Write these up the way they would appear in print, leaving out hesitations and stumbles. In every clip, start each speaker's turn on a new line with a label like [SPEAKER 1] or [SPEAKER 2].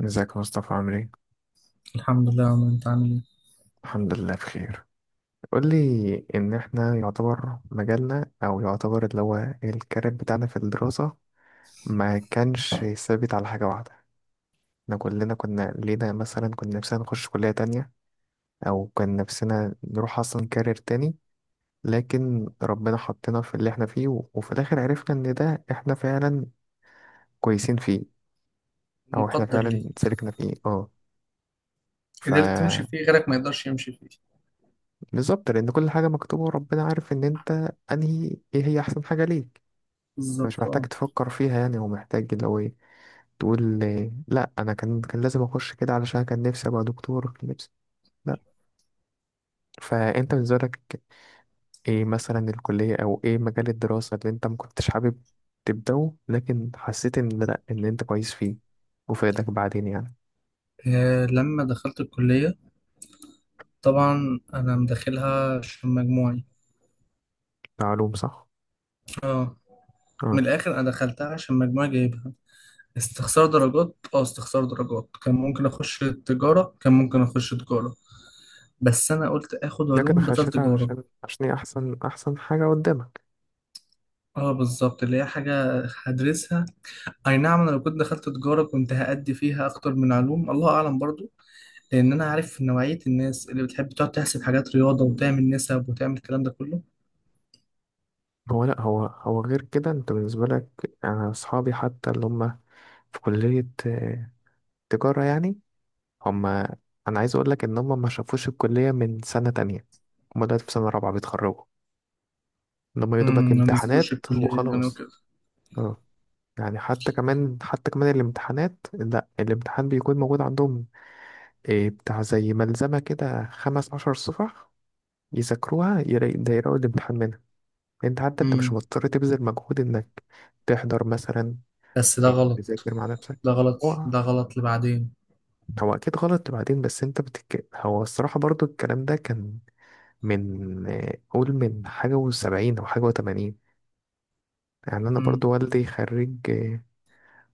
[SPEAKER 1] ازيك يا مصطفى؟ عامل ايه؟
[SPEAKER 2] الحمد لله يا عمرو، انت عامل ايه؟
[SPEAKER 1] الحمد لله بخير. قول لي، ان احنا يعتبر مجالنا او يعتبر اللي هو الكارير بتاعنا في الدراسة ما كانش ثابت على حاجة واحدة. احنا كلنا كنا لينا مثلا، كنا نفسنا نخش كلية تانية او كان نفسنا نروح اصلا كارير تاني، لكن ربنا حطنا في اللي احنا فيه و- وفي الاخر عرفنا ان ده احنا فعلا كويسين فيه او احنا
[SPEAKER 2] مقدر
[SPEAKER 1] فعلا
[SPEAKER 2] ليه؟
[SPEAKER 1] سلكنا فيه.
[SPEAKER 2] قدرت تمشي
[SPEAKER 1] اه،
[SPEAKER 2] فيه، غيرك ما يقدرش يمشي فيه.
[SPEAKER 1] بالظبط، لأن كل حاجة مكتوبة وربنا عارف إن أنت أنهي، إيه هي أحسن حاجة ليك، فمش
[SPEAKER 2] بالظبط
[SPEAKER 1] محتاج
[SPEAKER 2] اه.
[SPEAKER 1] تفكر فيها. يعني هو محتاج لو إيه تقول، إيه، لأ أنا كان لازم أخش كده علشان كان نفسي أبقى دكتور، كان نفسي، لأ. فأنت بالنسبة لك إيه مثلا الكلية أو إيه مجال الدراسة اللي أنت مكنتش حابب تبدأه لكن حسيت إن لأ، إن أنت كويس فيه وفادك بعدين يعني.
[SPEAKER 2] لما دخلت الكلية طبعا انا مداخلها عشان مجموعي.
[SPEAKER 1] معلوم، صح؟
[SPEAKER 2] اه.
[SPEAKER 1] أه.
[SPEAKER 2] من الاخر انا دخلتها عشان مجموعي جايبها استخسار درجات، اه استخسار درجات، كان ممكن اخش تجارة، كان ممكن اخش تجارة، بس انا قلت اخد
[SPEAKER 1] لكن
[SPEAKER 2] علوم بدل
[SPEAKER 1] خشيت
[SPEAKER 2] تجارة.
[SPEAKER 1] علشان، عشان هي أحسن أحسن حاجة قدامك.
[SPEAKER 2] اه بالظبط، اللي هي حاجة هدرسها. اي نعم، انا لو كنت دخلت تجارة كنت هأدي فيها اكتر من علوم، الله اعلم برضو، لان انا عارف نوعيه الناس اللي بتحب تقعد تحسب حاجات رياضه وتعمل نسب وتعمل الكلام ده كله.
[SPEAKER 1] هو لا، هو هو غير كده. انت بالنسبة لك، انا اصحابي حتى اللي هم في كلية تجارة يعني، هم، انا عايز اقول لك ان هم ما شافوش الكلية من سنة تانية. هم دلوقتي في سنة رابعة بيتخرجوا، ان هم يا دوبك
[SPEAKER 2] ما نزلوش
[SPEAKER 1] امتحانات
[SPEAKER 2] الكليه يعني
[SPEAKER 1] وخلاص.
[SPEAKER 2] وكده.
[SPEAKER 1] اه. يعني حتى كمان الامتحانات، لا الامتحان بيكون موجود عندهم إيه، بتاع زي ملزمة كده 15 صفح، يذاكروها ده يلاقوا الامتحان منها. انت حتى انت مش
[SPEAKER 2] امم
[SPEAKER 1] مضطر تبذل مجهود انك تحضر مثلا،
[SPEAKER 2] بس ده
[SPEAKER 1] إيه،
[SPEAKER 2] غلط،
[SPEAKER 1] تذاكر مع نفسك.
[SPEAKER 2] ده غلط،
[SPEAKER 1] هو
[SPEAKER 2] ده غلط لبعدين.
[SPEAKER 1] هو اكيد غلط بعدين، بس انت هو الصراحه برضو الكلام ده كان من، قول من حاجه وسبعين او حاجه وتمانين. يعني انا
[SPEAKER 2] امم
[SPEAKER 1] برضو والدي خريج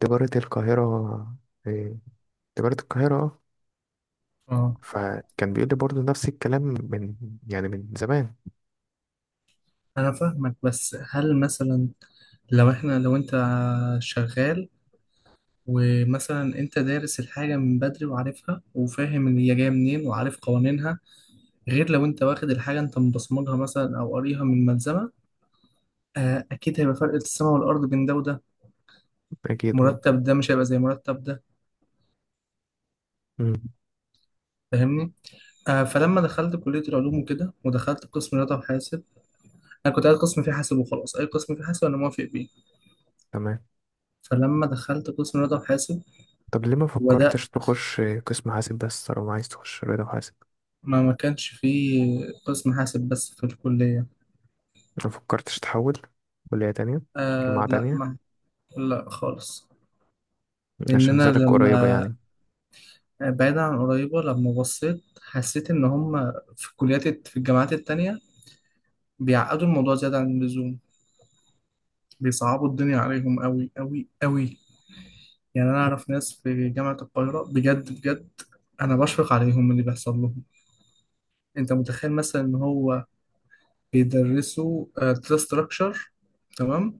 [SPEAKER 1] تجاره القاهره، آه، تجاره القاهره،
[SPEAKER 2] اه
[SPEAKER 1] فكان بيقول لي برضو نفس الكلام من، يعني من زمان.
[SPEAKER 2] انا فاهمك، بس هل مثلا لو انت شغال ومثلا انت دارس الحاجه من بدري وعارفها وفاهم ان هي جايه منين وعارف قوانينها، غير لو انت واخد الحاجه انت مبصمجها مثلا او قاريها من ملزمه؟ اكيد هيبقى فرق السماء والارض بين ده وده.
[SPEAKER 1] اكيد اه.
[SPEAKER 2] مرتب ده مش هيبقى زي مرتب ده.
[SPEAKER 1] مم،
[SPEAKER 2] فاهمني؟ فلما دخلت كلية العلوم وكده ودخلت قسم رياضة وحاسب. أنا كنت قاعد قسم فيه حاسب وخلاص، أي قسم فيه حاسب أنا موافق بيه.
[SPEAKER 1] تمام.
[SPEAKER 2] فلما دخلت قسم رياضة وحاسب
[SPEAKER 1] طب ليه ما
[SPEAKER 2] وده
[SPEAKER 1] فكرتش تخش قسم حاسب بس، طالما عايز تخش رياضه وحاسب؟
[SPEAKER 2] ما كانش فيه قسم حاسب بس في الكلية.
[SPEAKER 1] ما فكرتش تحول كليه تانية، جامعه
[SPEAKER 2] لا
[SPEAKER 1] تانية؟
[SPEAKER 2] ما، لا خالص. لأن
[SPEAKER 1] عشان
[SPEAKER 2] أنا
[SPEAKER 1] زادك قريبه
[SPEAKER 2] لما،
[SPEAKER 1] يعني.
[SPEAKER 2] بعيدا عن قريبة، لما بصيت حسيت إن هم في في الجامعات التانية بيعقدوا الموضوع زيادة عن اللزوم، بيصعبوا الدنيا عليهم أوي أوي أوي. يعني انا اعرف ناس في جامعة القاهرة، بجد بجد انا بشفق عليهم من اللي بيحصل لهم. انت متخيل مثلا ان هو بيدرسوا داتا ستراكشر؟ تمام.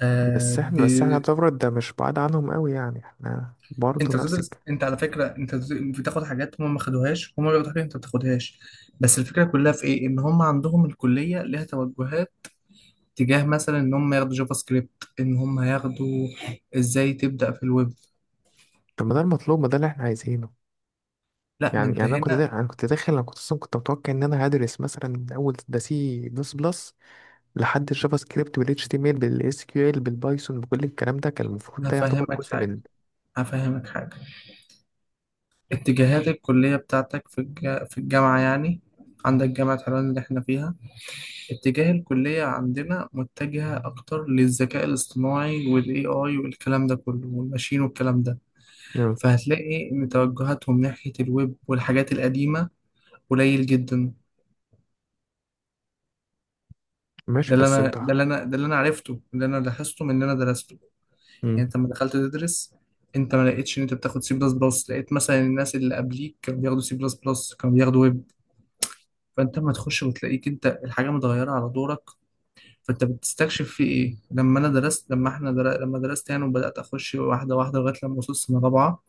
[SPEAKER 2] آه
[SPEAKER 1] بس
[SPEAKER 2] ب...
[SPEAKER 1] احنا بس احنا يعتبر ده مش بعاد عنهم قوي، يعني احنا برضه
[SPEAKER 2] انت
[SPEAKER 1] نفس
[SPEAKER 2] بتدرس،
[SPEAKER 1] الكلام.
[SPEAKER 2] انت على فكرة انت بتاخد حاجات هم ما خدوهاش، هم بياخدوا حاجات انت ما بتاخدهاش. بس الفكرة كلها في ايه؟ ان هم عندهم الكلية ليها توجهات تجاه مثلا ان هم ياخدوا جافا سكريبت، ان هم ياخدوا ازاي تبدأ في الويب.
[SPEAKER 1] طب ما ده المطلوب، ما ده اللي احنا عايزينه.
[SPEAKER 2] لا ما
[SPEAKER 1] يعني
[SPEAKER 2] انت
[SPEAKER 1] انا كنت
[SPEAKER 2] هنا،
[SPEAKER 1] دا... انا كنت داخل انا كنت اصلا كنت متوقع ان انا هدرس مثلا من اول ده سي بلس بلس لحد الجافا سكريبت والاتش تي ام ال بالاس كيو ال بالبايثون، بكل الكلام ده، كان المفروض ده يعتبر
[SPEAKER 2] هفهمك
[SPEAKER 1] جزء
[SPEAKER 2] حاجة،
[SPEAKER 1] من.
[SPEAKER 2] هفهمك حاجة. اتجاهات الكلية بتاعتك في في الجامعة يعني. عندك جامعة حلوان اللي احنا فيها، اتجاه الكلية عندنا متجهة أكتر للذكاء الاصطناعي والاي اي والكلام ده كله والماشين والكلام ده.
[SPEAKER 1] مم.
[SPEAKER 2] فهتلاقي إن توجهاتهم ناحية الويب والحاجات القديمة قليل جدا.
[SPEAKER 1] ماشي،
[SPEAKER 2] ده اللي
[SPEAKER 1] بس
[SPEAKER 2] أنا
[SPEAKER 1] انتوا.
[SPEAKER 2] ده اللي أنا ده اللي أنا عرفته، اللي أنا لاحظته من اللي أنا درسته.
[SPEAKER 1] مم.
[SPEAKER 2] يعني أنت لما دخلت تدرس أنت ما لقيتش إن أنت بتاخد سي بلس بلس، لقيت مثلا الناس اللي قبليك كانوا بياخدوا سي بلس بلس، كانوا بياخدوا ويب. فانت لما تخش وتلاقيك انت الحاجه متغيره على دورك، فانت بتستكشف في ايه. لما انا درست، لما درست يعني وبدات اخش واحده واحده لغايه لما وصلت سنه رابعه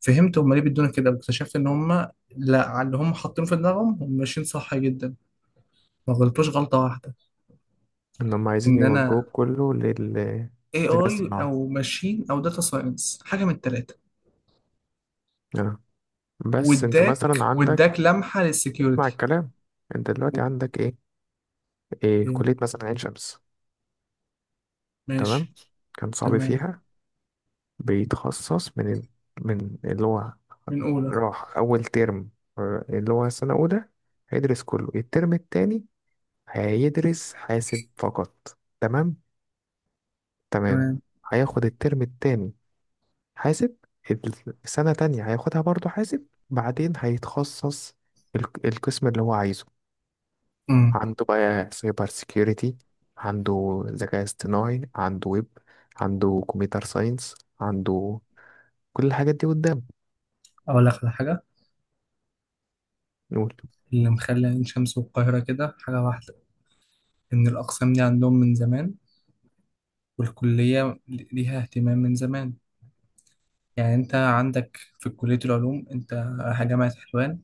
[SPEAKER 2] فهمت هم ليه بيدونا كده، واكتشفت ان هم لا، على اللي هم حاطينه في دماغهم هم ماشيين صح جدا، ما غلطوش غلطه واحده.
[SPEAKER 1] ان هم عايزين
[SPEAKER 2] ان انا
[SPEAKER 1] يوجهوك كله للذكاء
[SPEAKER 2] اي اي
[SPEAKER 1] الاصطناعي،
[SPEAKER 2] او ماشين او داتا ساينس، حاجه من الثلاثه.
[SPEAKER 1] آه. بس انت مثلا
[SPEAKER 2] واداك
[SPEAKER 1] عندك.
[SPEAKER 2] واداك لمحه
[SPEAKER 1] اسمع
[SPEAKER 2] للسكيورتي.
[SPEAKER 1] الكلام، انت دلوقتي
[SPEAKER 2] اوكي،
[SPEAKER 1] عندك ايه، إيه كلية مثلا؟ عين شمس، تمام،
[SPEAKER 2] ماشي،
[SPEAKER 1] كان صعب
[SPEAKER 2] تمام،
[SPEAKER 1] فيها، بيتخصص من ال- من اللي هو
[SPEAKER 2] من اولى،
[SPEAKER 1] راح أول ترم، اللي هو سنة أولى هيدرس كله، الترم التاني هيدرس حاسب فقط، تمام، تمام.
[SPEAKER 2] تمام.
[SPEAKER 1] هياخد الترم التاني حاسب، السنة تانية هياخدها برضه حاسب، بعدين هيتخصص القسم اللي هو عايزه.
[SPEAKER 2] امم
[SPEAKER 1] عنده بقى سايبر سيكيورتي، عنده ذكاء اصطناعي، عنده ويب، عنده كمبيوتر ساينس، عنده كل الحاجات دي قدام.
[SPEAKER 2] اقول لك على حاجه،
[SPEAKER 1] نقول.
[SPEAKER 2] اللي مخلي عين شمس والقاهرة كده حاجة واحدة، إن الأقسام دي عندهم من زمان والكلية ليها اهتمام من زمان. يعني أنت عندك في كلية العلوم أنت، جامعة حلوان،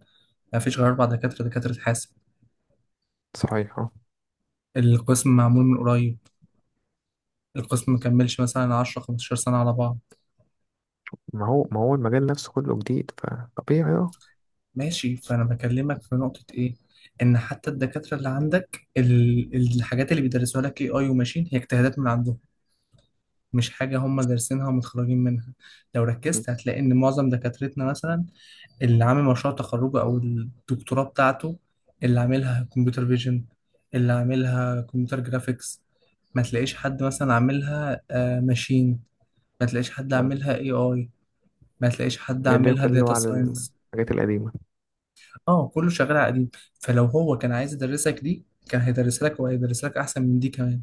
[SPEAKER 2] مفيش غير أربع دكاترة دكاترة حاسب.
[SPEAKER 1] صحيح اه.
[SPEAKER 2] القسم معمول من قريب، القسم مكملش مثلا 10 15 سنة على بعض.
[SPEAKER 1] ما هو المجال نفسه كله جديد فطبيعي. اه.
[SPEAKER 2] ماشي، فأنا بكلمك في نقطة إيه، إن حتى الدكاترة اللي عندك الحاجات اللي بيدرسوها لك AI وماشين هي اجتهادات من عندهم، مش حاجة هم دارسينها ومتخرجين منها. لو ركزت هتلاقي إن معظم دكاترتنا مثلا، اللي عامل مشروع تخرجه أو الدكتوراه بتاعته، اللي عاملها كمبيوتر فيجن، اللي عاملها كمبيوتر جرافيكس، ما تلاقيش حد مثلا عاملها ماشين، ما تلاقيش حد عاملها اي اي، ما تلاقيش حد
[SPEAKER 1] اللي هي
[SPEAKER 2] عاملها
[SPEAKER 1] كله
[SPEAKER 2] داتا
[SPEAKER 1] على
[SPEAKER 2] ساينس.
[SPEAKER 1] الحاجات القديمة.
[SPEAKER 2] اه، كله شغال على قديم. فلو هو كان عايز يدرسك دي كان هيدرسها لك وهيدرس لك احسن من دي كمان.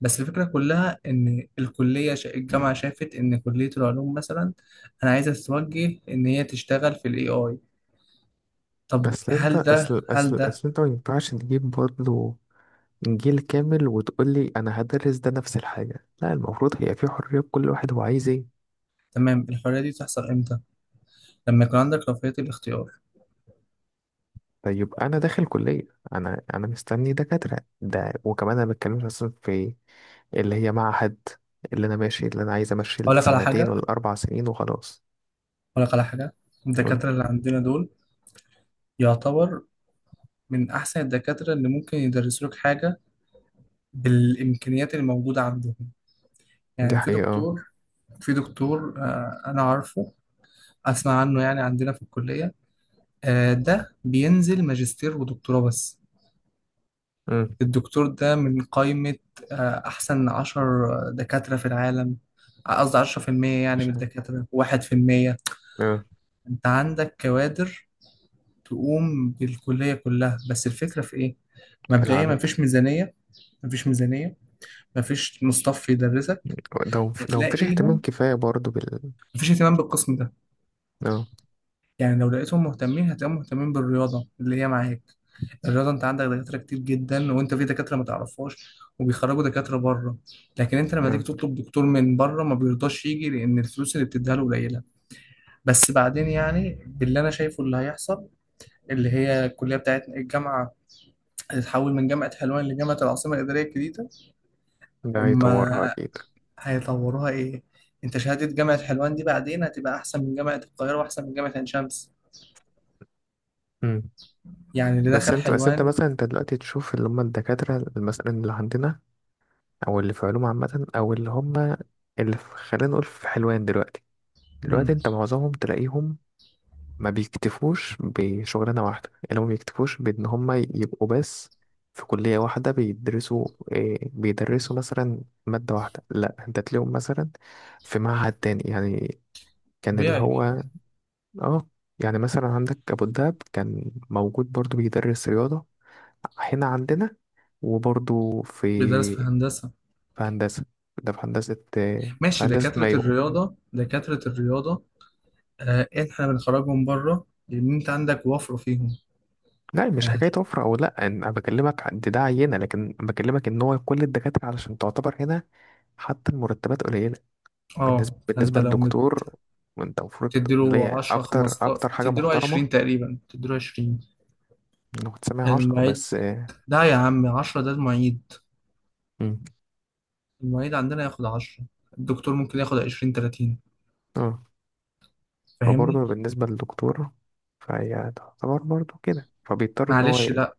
[SPEAKER 2] بس الفكره كلها ان الجامعه شافت ان كليه العلوم مثلا انا عايزه تتوجه ان هي تشتغل في الاي اي. طب
[SPEAKER 1] أصل أنت،
[SPEAKER 2] هل ده
[SPEAKER 1] أصل
[SPEAKER 2] هل
[SPEAKER 1] أصل
[SPEAKER 2] ده
[SPEAKER 1] أصل أنت ما ينفعش تجيب برضه جيل كامل وتقول لي أنا هدرس ده نفس الحاجة، لا المفروض هي في حرية كل واحد هو عايز إيه.
[SPEAKER 2] تمام؟ الحريه دي تحصل امتى؟ لما يكون عندك رفاهيه الاختيار.
[SPEAKER 1] طيب أنا داخل كلية، أنا مستني دكاترة ده، وكمان أنا بتكلمش أصلا في اللي هي معهد، اللي أنا عايز أمشي
[SPEAKER 2] اقول لك على
[SPEAKER 1] السنتين
[SPEAKER 2] حاجه،
[SPEAKER 1] ولا ال4 سنين وخلاص.
[SPEAKER 2] اقول لك على حاجه،
[SPEAKER 1] قول لي.
[SPEAKER 2] الدكاتره اللي عندنا دول يعتبر من احسن الدكاتره اللي ممكن يدرسوا لك حاجه بالامكانيات اللي موجوده عندهم.
[SPEAKER 1] دي
[SPEAKER 2] يعني في
[SPEAKER 1] حقيقة اه.
[SPEAKER 2] دكتور، في دكتور انا عارفه، اسمع عنه يعني، عندنا في الكلية. ده بينزل ماجستير ودكتوراه بس.
[SPEAKER 1] أمم.
[SPEAKER 2] الدكتور ده من قائمة احسن عشر دكاترة في العالم، قصدي عشرة في المية يعني، من
[SPEAKER 1] عشان
[SPEAKER 2] الدكاترة واحد في المية.
[SPEAKER 1] اه،
[SPEAKER 2] انت عندك كوادر تقوم بالكلية كلها، بس الفكرة في ايه؟
[SPEAKER 1] في
[SPEAKER 2] مبدئيا
[SPEAKER 1] العدد.
[SPEAKER 2] مفيش ميزانية، مفيش ميزانية، مفيش مصطف يدرسك.
[SPEAKER 1] لو مفيش اهتمام
[SPEAKER 2] هتلاقيهم،
[SPEAKER 1] كفاية برضو بال،
[SPEAKER 2] مفيش اهتمام بالقسم ده.
[SPEAKER 1] اه.
[SPEAKER 2] يعني لو لقيتهم مهتمين هتلاقيهم مهتمين بالرياضة اللي هي معاك. الرياضة انت عندك دكاترة كتير جدا، وانت في دكاترة ما تعرفهاش وبيخرجوا دكاترة بره. لكن انت لما تيجي
[SPEAKER 1] اه.
[SPEAKER 2] تطلب دكتور من بره ما بيرضاش يجي لان الفلوس اللي بتديها له قليلة. بس بعدين يعني، باللي انا شايفه اللي هيحصل، اللي هي الكلية بتاعتنا، الجامعة هتتحول من جامعة حلوان لجامعة العاصمة الإدارية الجديدة.
[SPEAKER 1] ده
[SPEAKER 2] هم
[SPEAKER 1] هيطورها أكيد.
[SPEAKER 2] هيطوروها ايه؟ انت شهادة جامعة حلوان دي بعدين هتبقى احسن من جامعة القاهرة واحسن من جامعة عين شمس.
[SPEAKER 1] أمم.
[SPEAKER 2] يعني اللي
[SPEAKER 1] بس
[SPEAKER 2] دخل
[SPEAKER 1] انت بس انت
[SPEAKER 2] حلوان.
[SPEAKER 1] مثلا، انت دلوقتي تشوف اللي هم الدكاترة مثلا اللي عندنا، أو اللي في علوم عامة، أو اللي هم اللي في، خلينا نقول في حلوان دلوقتي انت معظمهم تلاقيهم ما بيكتفوش بشغلانة واحدة، يعني ما بيكتفوش بإن هما يبقوا بس في كلية واحدة بيدرسوا إيه، بيدرسوا مثلا مادة واحدة، لا انت تلاقيهم مثلا في معهد تاني يعني، كان اللي
[SPEAKER 2] طبيعي،
[SPEAKER 1] هو. اه. يعني مثلا عندك أبو الدهب كان موجود برضو بيدرس رياضة هنا عندنا، وبرضو في
[SPEAKER 2] بيدرس في هندسة.
[SPEAKER 1] في هندسة، ده في هندسة، في
[SPEAKER 2] ماشي،
[SPEAKER 1] هندسة
[SPEAKER 2] دكاترة
[SPEAKER 1] مايو.
[SPEAKER 2] الرياضة دكاترة الرياضة، احنا بنخرجهم بره لأن أنت عندك وفر فيهم.
[SPEAKER 1] لا مش
[SPEAKER 2] اه
[SPEAKER 1] حكاية وفرة أو لأ، أنا بكلمك دي، ده عينة، لكن بكلمك إن هو كل الدكاترة علشان تعتبر هنا، حتى المرتبات قليلة. بالنسبة
[SPEAKER 2] فأنت
[SPEAKER 1] بالنسبة
[SPEAKER 2] لو
[SPEAKER 1] للدكتور، وأنت المفروض، اللي
[SPEAKER 2] بتديله
[SPEAKER 1] هي
[SPEAKER 2] 10
[SPEAKER 1] أكتر
[SPEAKER 2] 15،
[SPEAKER 1] أكتر حاجة
[SPEAKER 2] بتديله
[SPEAKER 1] محترمة
[SPEAKER 2] 20 تقريبا، بتديله 20
[SPEAKER 1] إنه تسمع 10
[SPEAKER 2] المعيد.
[SPEAKER 1] بس،
[SPEAKER 2] لا يا عم، 10 ده المعيد،
[SPEAKER 1] مم.
[SPEAKER 2] المعيد عندنا ياخد 10، الدكتور ممكن ياخد 20 30.
[SPEAKER 1] أه،
[SPEAKER 2] فاهمني؟
[SPEAKER 1] فبرضه بالنسبة للدكتور فهي تعتبر برضه كده، فبيضطر إن هو
[SPEAKER 2] معلش لا،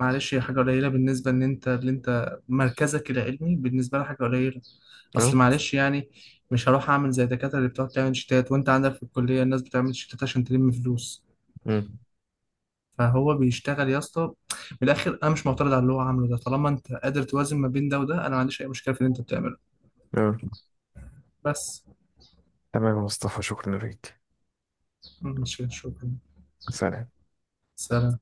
[SPEAKER 2] معلش هي حاجة قليلة بالنسبة إن أنت، اللي أنت مركزك العلمي بالنسبة لها حاجة قليلة. أصل
[SPEAKER 1] أه.
[SPEAKER 2] معلش يعني، مش هروح أعمل زي الدكاترة اللي بتقعد تعمل شيتات، وأنت عندك في الكلية الناس بتعمل شيتات عشان تلم فلوس.
[SPEAKER 1] مم.
[SPEAKER 2] فهو بيشتغل يا اسطى. من الآخر أنا مش معترض على اللي هو عامله ده طالما أنت قادر توازن ما بين ده وده، أنا ما عنديش أي مشكلة في اللي أنت بتعمله.
[SPEAKER 1] أه،
[SPEAKER 2] بس.
[SPEAKER 1] تمام يا مصطفى، شكرا ليك.
[SPEAKER 2] مش شكرا.
[SPEAKER 1] سلام.
[SPEAKER 2] سلام.